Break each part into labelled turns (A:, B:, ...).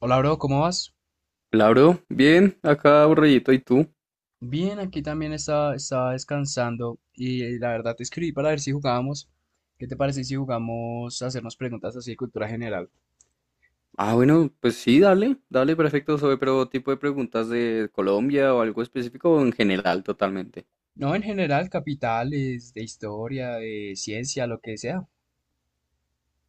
A: Hola, bro, ¿cómo vas?
B: Claro, bien, acá aburridito, ¿y tú?
A: Bien, aquí también estaba descansando y la verdad te escribí para ver si jugábamos. ¿Qué te parece si jugamos a hacernos preguntas así de cultura general?
B: Ah, bueno, pues sí, dale, dale, perfecto, pero tipo de preguntas de Colombia o algo específico o en general totalmente.
A: No, en general, capitales, de historia, de ciencia, lo que sea.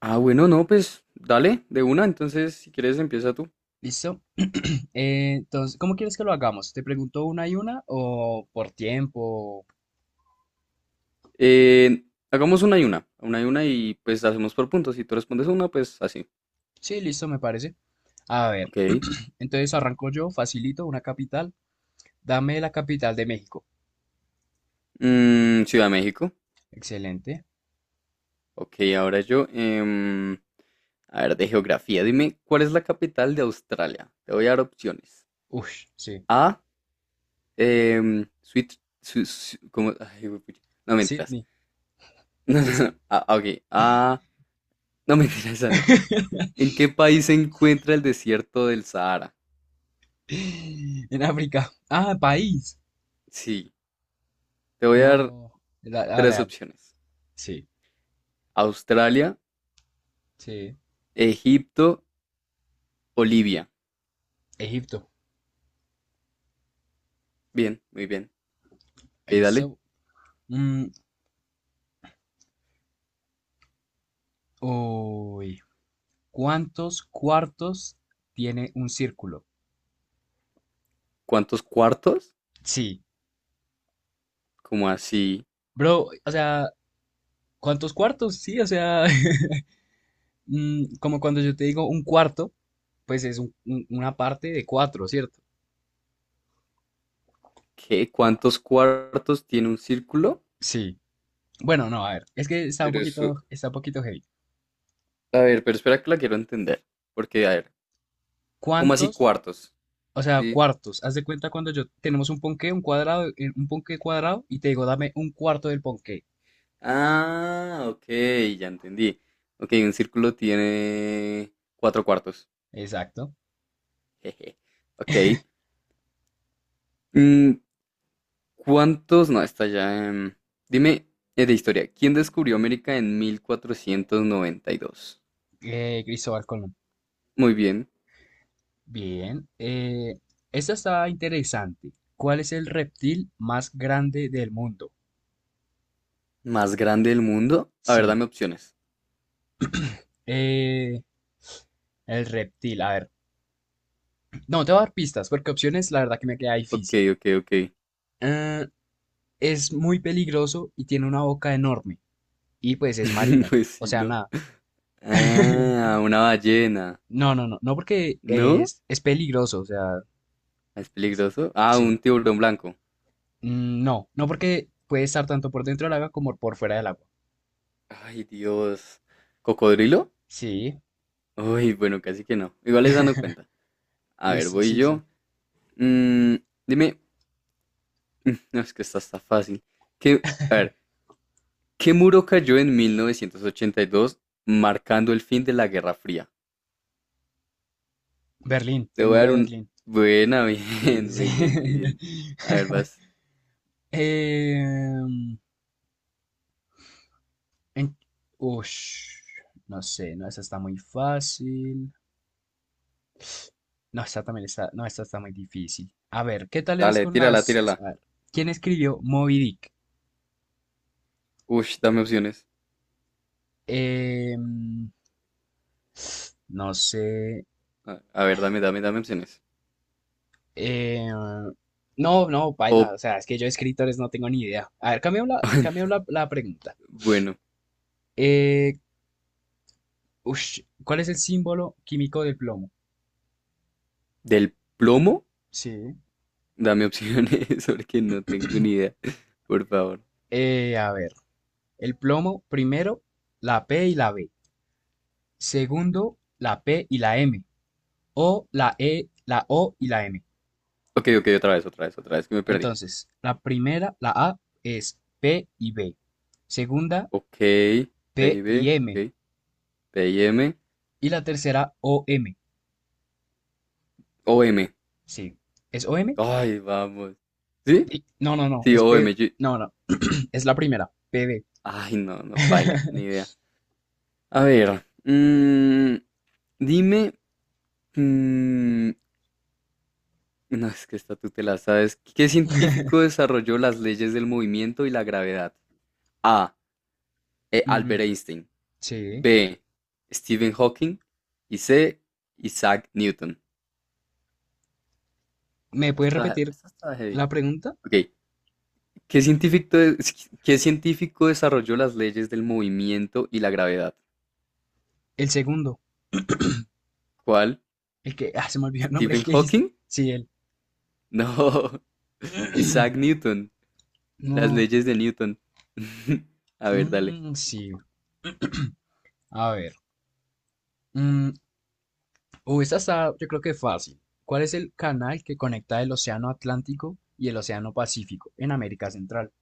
B: Ah, bueno, no, pues dale, de una, entonces si quieres empieza tú.
A: ¿Listo? Entonces, ¿cómo quieres que lo hagamos? ¿Te pregunto una y una o por tiempo?
B: Eh, Hagamos una y una, una y una, y pues hacemos por puntos, si tú respondes una, pues así.
A: Sí, listo, me parece. A ver,
B: Ok.
A: entonces arranco yo, facilito, una capital. Dame la capital de México.
B: Ciudad de México.
A: Excelente.
B: Ok, ahora yo. A ver, de geografía, dime, ¿cuál es la capital de Australia? Te voy a dar opciones.
A: Ush, sí.
B: A, Sweet. ¿Cómo? Ay, huepucha. No mentiras.
A: Sydney.
B: No, no,
A: Es-
B: no. Ah, ok. Ah, no mentiras, esa no. ¿En qué país se encuentra el desierto del Sahara?
A: En África. Ah, país.
B: Sí. Te voy a dar
A: No. Dale,
B: tres
A: dale.
B: opciones:
A: Sí,
B: Australia,
A: sí.
B: Egipto o Libia.
A: Egipto.
B: Bien, muy bien. Ok, dale.
A: Listo. Mm, Uy. ¿Cuántos cuartos tiene un círculo?
B: ¿Cuántos cuartos?
A: Sí.
B: ¿Como así?
A: Bro, o sea, ¿cuántos cuartos? Sí, o sea, como cuando yo te digo un cuarto, pues es una parte de cuatro, ¿cierto?
B: ¿Qué? ¿Cuántos cuartos tiene un círculo?
A: Sí. Bueno, no, a ver. Es que está un
B: Pero eso.
A: poquito, está un poquito heavy.
B: A ver, pero espera que la quiero entender. Porque, a ver, ¿cómo así
A: ¿Cuántos
B: cuartos?
A: O sea,
B: Sí.
A: cuartos. Haz de cuenta cuando yo tenemos un ponqué, un cuadrado, un ponqué cuadrado, y te digo, dame un cuarto del ponqué.
B: Ah, ok, ya entendí. Ok, un círculo tiene cuatro cuartos.
A: Exacto.
B: Jeje. Ok. Mm, ¿Cuántos? No, está ya. Dime, de historia, ¿quién descubrió América en 1492?
A: Cristóbal Colón.
B: Muy bien.
A: Bien. Esta está interesante. ¿Cuál es el reptil más grande del mundo?
B: ¿Más grande del mundo? A ver,
A: Sí.
B: dame opciones.
A: eh, el reptil. A ver. No, te voy a dar pistas, porque opciones, la verdad que me queda
B: Ok,
A: difícil.
B: ok, ok.
A: Eh, es muy peligroso y tiene una boca enorme. Y pues es marino.
B: Pues
A: O
B: sí,
A: sea,
B: ¿no?
A: nada.
B: Ah, una ballena.
A: No, no, no, no porque
B: ¿No?
A: es peligroso, o sea,
B: ¿Es
A: es-
B: peligroso? Ah,
A: sí.
B: un tiburón blanco.
A: Mm, no, no porque puede estar tanto por dentro del agua como por fuera del agua.
B: Ay, Dios. ¿Cocodrilo?
A: Sí,
B: Uy, bueno, casi que no. Igual esa no cuenta. A ver,
A: listo,
B: voy
A: sí, sí.
B: yo. Mm, dime, no, es que esta está fácil. A ver, ¿qué muro cayó en 1982 marcando el fin de la Guerra Fría?
A: Berlín,
B: Te
A: el
B: voy a
A: muro
B: dar
A: de
B: un...
A: Berlín.
B: Buena,
A: Sí,
B: bien,
A: sí.
B: muy bien, muy bien. A ver, vas.
A: Em, en- Ush, no sé, no, esa está muy fácil. No, esta también está, no, esta está muy difícil. A ver, ¿qué tal eres
B: Dale,
A: con
B: tírala,
A: las...
B: tírala.
A: a ver, ¿quién escribió Moby Dick?
B: Uy, dame opciones.
A: Em, no sé.
B: A ver, dame, dame, dame opciones.
A: Eh, no, no, baila.
B: O,
A: O sea, es que yo de escritores no tengo ni idea. A ver, cambiemos la, la pregunta.
B: bueno,
A: Eh, Ush, ¿cuál es el símbolo químico del plomo?
B: del plomo,
A: Sí.
B: dame opciones porque no tengo ni idea. Por favor.
A: A ver, el plomo, primero, la P y la B. Segundo, la P y la M. O la E, la O y la M.
B: Ok, ok, otra vez, otra vez, otra vez, que me perdí.
A: Entonces, la primera, la A, es P y B. Segunda,
B: Ok,
A: P
B: PIB,
A: y M.
B: ok, P M,
A: Y la tercera, O M.
B: O M.
A: Sí. ¿Es O M.
B: Ay, vamos. ¿Sí?
A: No, no, no,
B: Sí,
A: es P.
B: OM.
A: No, no, es la primera, PB.
B: Ay, no, no, paila, ni idea. A ver, dime, mm, no, es que esta tú te la sabes. ¿Qué científico desarrolló las leyes del movimiento y la gravedad? A. Albert
A: Mm,
B: Einstein.
A: sí.
B: B. Stephen Hawking. Y C. Isaac Newton.
A: ¿Me puedes
B: Esta está,
A: repetir
B: esta está heavy.
A: la pregunta?
B: Ok, ¿Qué científico desarrolló las leyes del movimiento y la gravedad?
A: El segundo,
B: ¿Cuál?
A: el que... Ah, se me olvidó el nombre, el
B: ¿Stephen
A: que dijiste.
B: Hawking?
A: Sí, él.
B: No. Isaac Newton. Las
A: No.
B: leyes de Newton. A ver, dale.
A: Mm, sí, a ver. Mm, Esta está, yo creo que fácil. ¿Cuál es el canal que conecta el Océano Atlántico y el Océano Pacífico en América Central?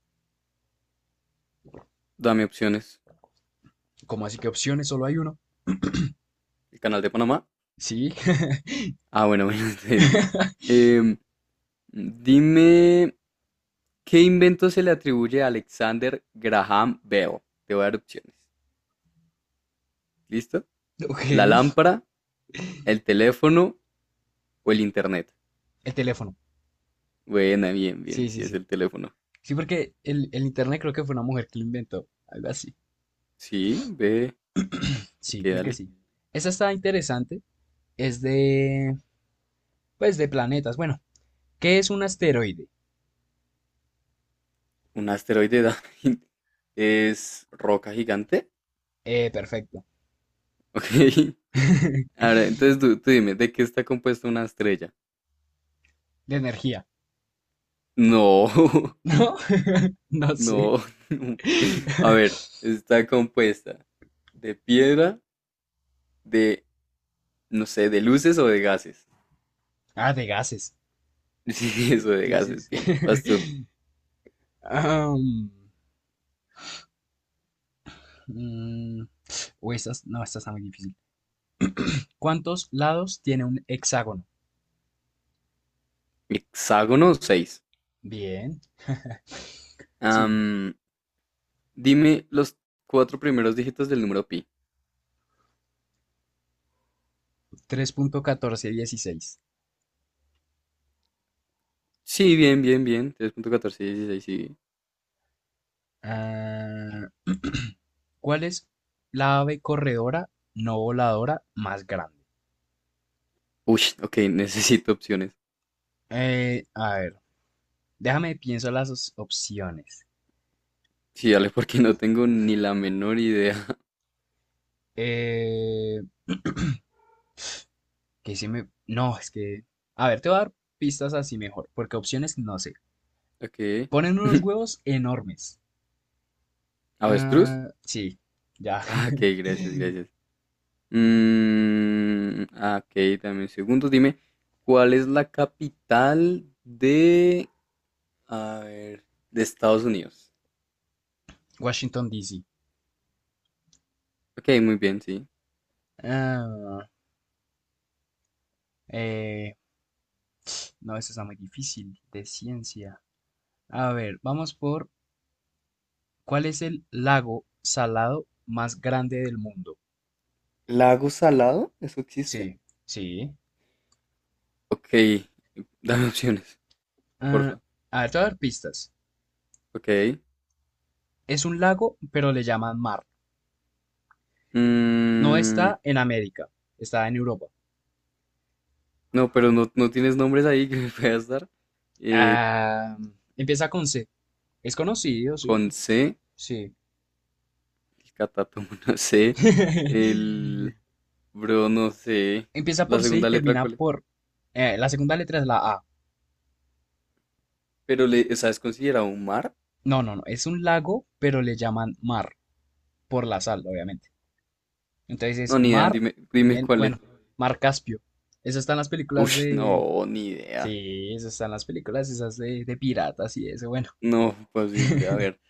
B: Dame opciones.
A: ¿Cómo así que opciones? Solo hay uno.
B: ¿El canal de Panamá?
A: Sí.
B: Ah, bueno, bueno, entonces sí. Em, dime, ¿qué invento se le atribuye a Alexander Graham Bell? Te voy a dar opciones. ¿Listo? ¿La
A: Ok.
B: lámpara, el teléfono o el internet?
A: El teléfono.
B: Buena, bien,
A: Sí,
B: bien. Si
A: sí,
B: es
A: sí.
B: el teléfono.
A: Sí, porque el internet creo que fue una mujer que lo inventó, algo así.
B: Sí, ve,
A: Sí,
B: que
A: creo que
B: dale.
A: sí. Esa está interesante, es de, pues, de planetas. Bueno, ¿qué es un asteroide?
B: Un asteroide es roca gigante.
A: Perfecto.
B: Ok. Ahora, entonces tú dime, ¿de qué está compuesta una estrella?
A: De energía.
B: No,
A: No, no sé.
B: no, no. A ver, está compuesta de piedra, de, no sé, de luces o de gases.
A: Ah, de gases.
B: Sí, eso de
A: Sí, sí,
B: gases,
A: sí.
B: bien. Vas tú.
A: Um, mm, Uy, estas, no, esta está muy difícil. ¿Cuántos lados tiene un hexágono?
B: Hexágono
A: Bien. Sigue.
B: 6. Dime los cuatro primeros dígitos del número pi.
A: 3,1416.
B: Sí, bien, bien, bien. 3,1416, sí.
A: Ah, ¿cuál es la ave corredora no voladora más grande?
B: Uy, ok, necesito opciones.
A: A ver, déjame pienso las opciones.
B: Sí, dale, porque no tengo ni la menor idea.
A: Eh, que si me... No, es que... A ver, te voy a dar pistas así mejor, porque opciones no sé.
B: Ok.
A: Ponen unos huevos enormes.
B: ¿Avestruz?
A: Ah, sí, ya.
B: Ah, ok, gracias, gracias. Ah, ok, dame un segundo. Dime, ¿cuál es la capital de... A ver, de Estados Unidos?
A: Washington, D.C.
B: Ok, muy bien, sí.
A: Ah, eh, no, esto está muy difícil de ciencia. A ver, vamos por, ¿cuál es el lago salado más grande del mundo?
B: ¿Lago salado? ¿Eso existe?
A: Sí, sí.
B: Ok, dame opciones,
A: Ah,
B: porfa.
A: a ver, te voy a dar pistas.
B: Ok.
A: Es un lago, pero le llaman mar. No
B: mm,
A: está en América, está en Europa.
B: no, pero no, no tienes nombres ahí que me puedas dar. Eh,
A: Ah, empieza con C. Es conocido, sí,
B: Con C,
A: sí.
B: el catatomo no sé, el bro no sé,
A: Empieza
B: la
A: por C y
B: segunda letra
A: termina
B: cuál es,
A: por... la segunda letra es la A.
B: pero le, sabes es considerado un mar.
A: No, no, no. Es un lago, pero le llaman mar, por la sal, obviamente. Entonces es
B: No, ni idea,
A: mar,
B: dime, dime
A: en,
B: cuál es.
A: bueno, mar Caspio. Eso está en las películas
B: Uy, no,
A: de...
B: ni idea.
A: Sí, eso está en las películas esas de, piratas y eso, bueno.
B: No, posible. A ver,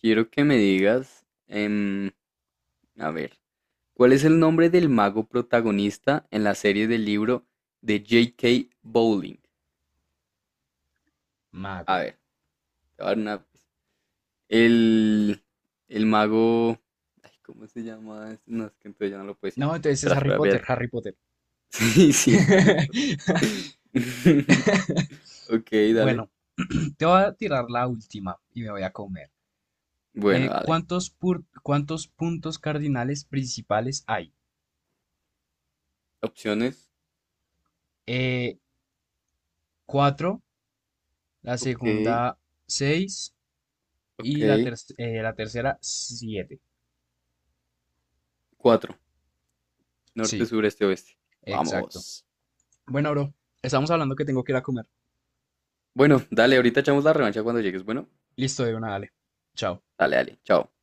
B: quiero que me digas, a ver, ¿cuál es el nombre del mago protagonista en la serie del libro de J.K. Bowling? A
A: Mago.
B: ver, te voy a dar una pista. El, el mago. Ay, ¿cómo se llama? ¿este? No, es que entonces ya no lo puedo decir.
A: No, entonces es
B: Espera,
A: Harry
B: espera,
A: Potter,
B: espérate.
A: Harry Potter.
B: Sí, sí, es Harry Potter. Ok, dale.
A: Bueno, te voy a tirar la última y me voy a comer.
B: Bueno, dale.
A: ¿Cuántos puntos cardinales principales hay?
B: Opciones.
A: Eh, Cuatro, la
B: Ok,
A: segunda seis y
B: ok.
A: la tercera siete.
B: Cuatro. Norte,
A: Sí,
B: sur, este, oeste.
A: exacto.
B: Vamos.
A: Bueno, bro, estamos hablando que tengo que ir a comer.
B: Bueno, dale, ahorita echamos la revancha cuando llegues. Bueno,
A: Listo, de una, dale. Chao.
B: dale, dale. Chao.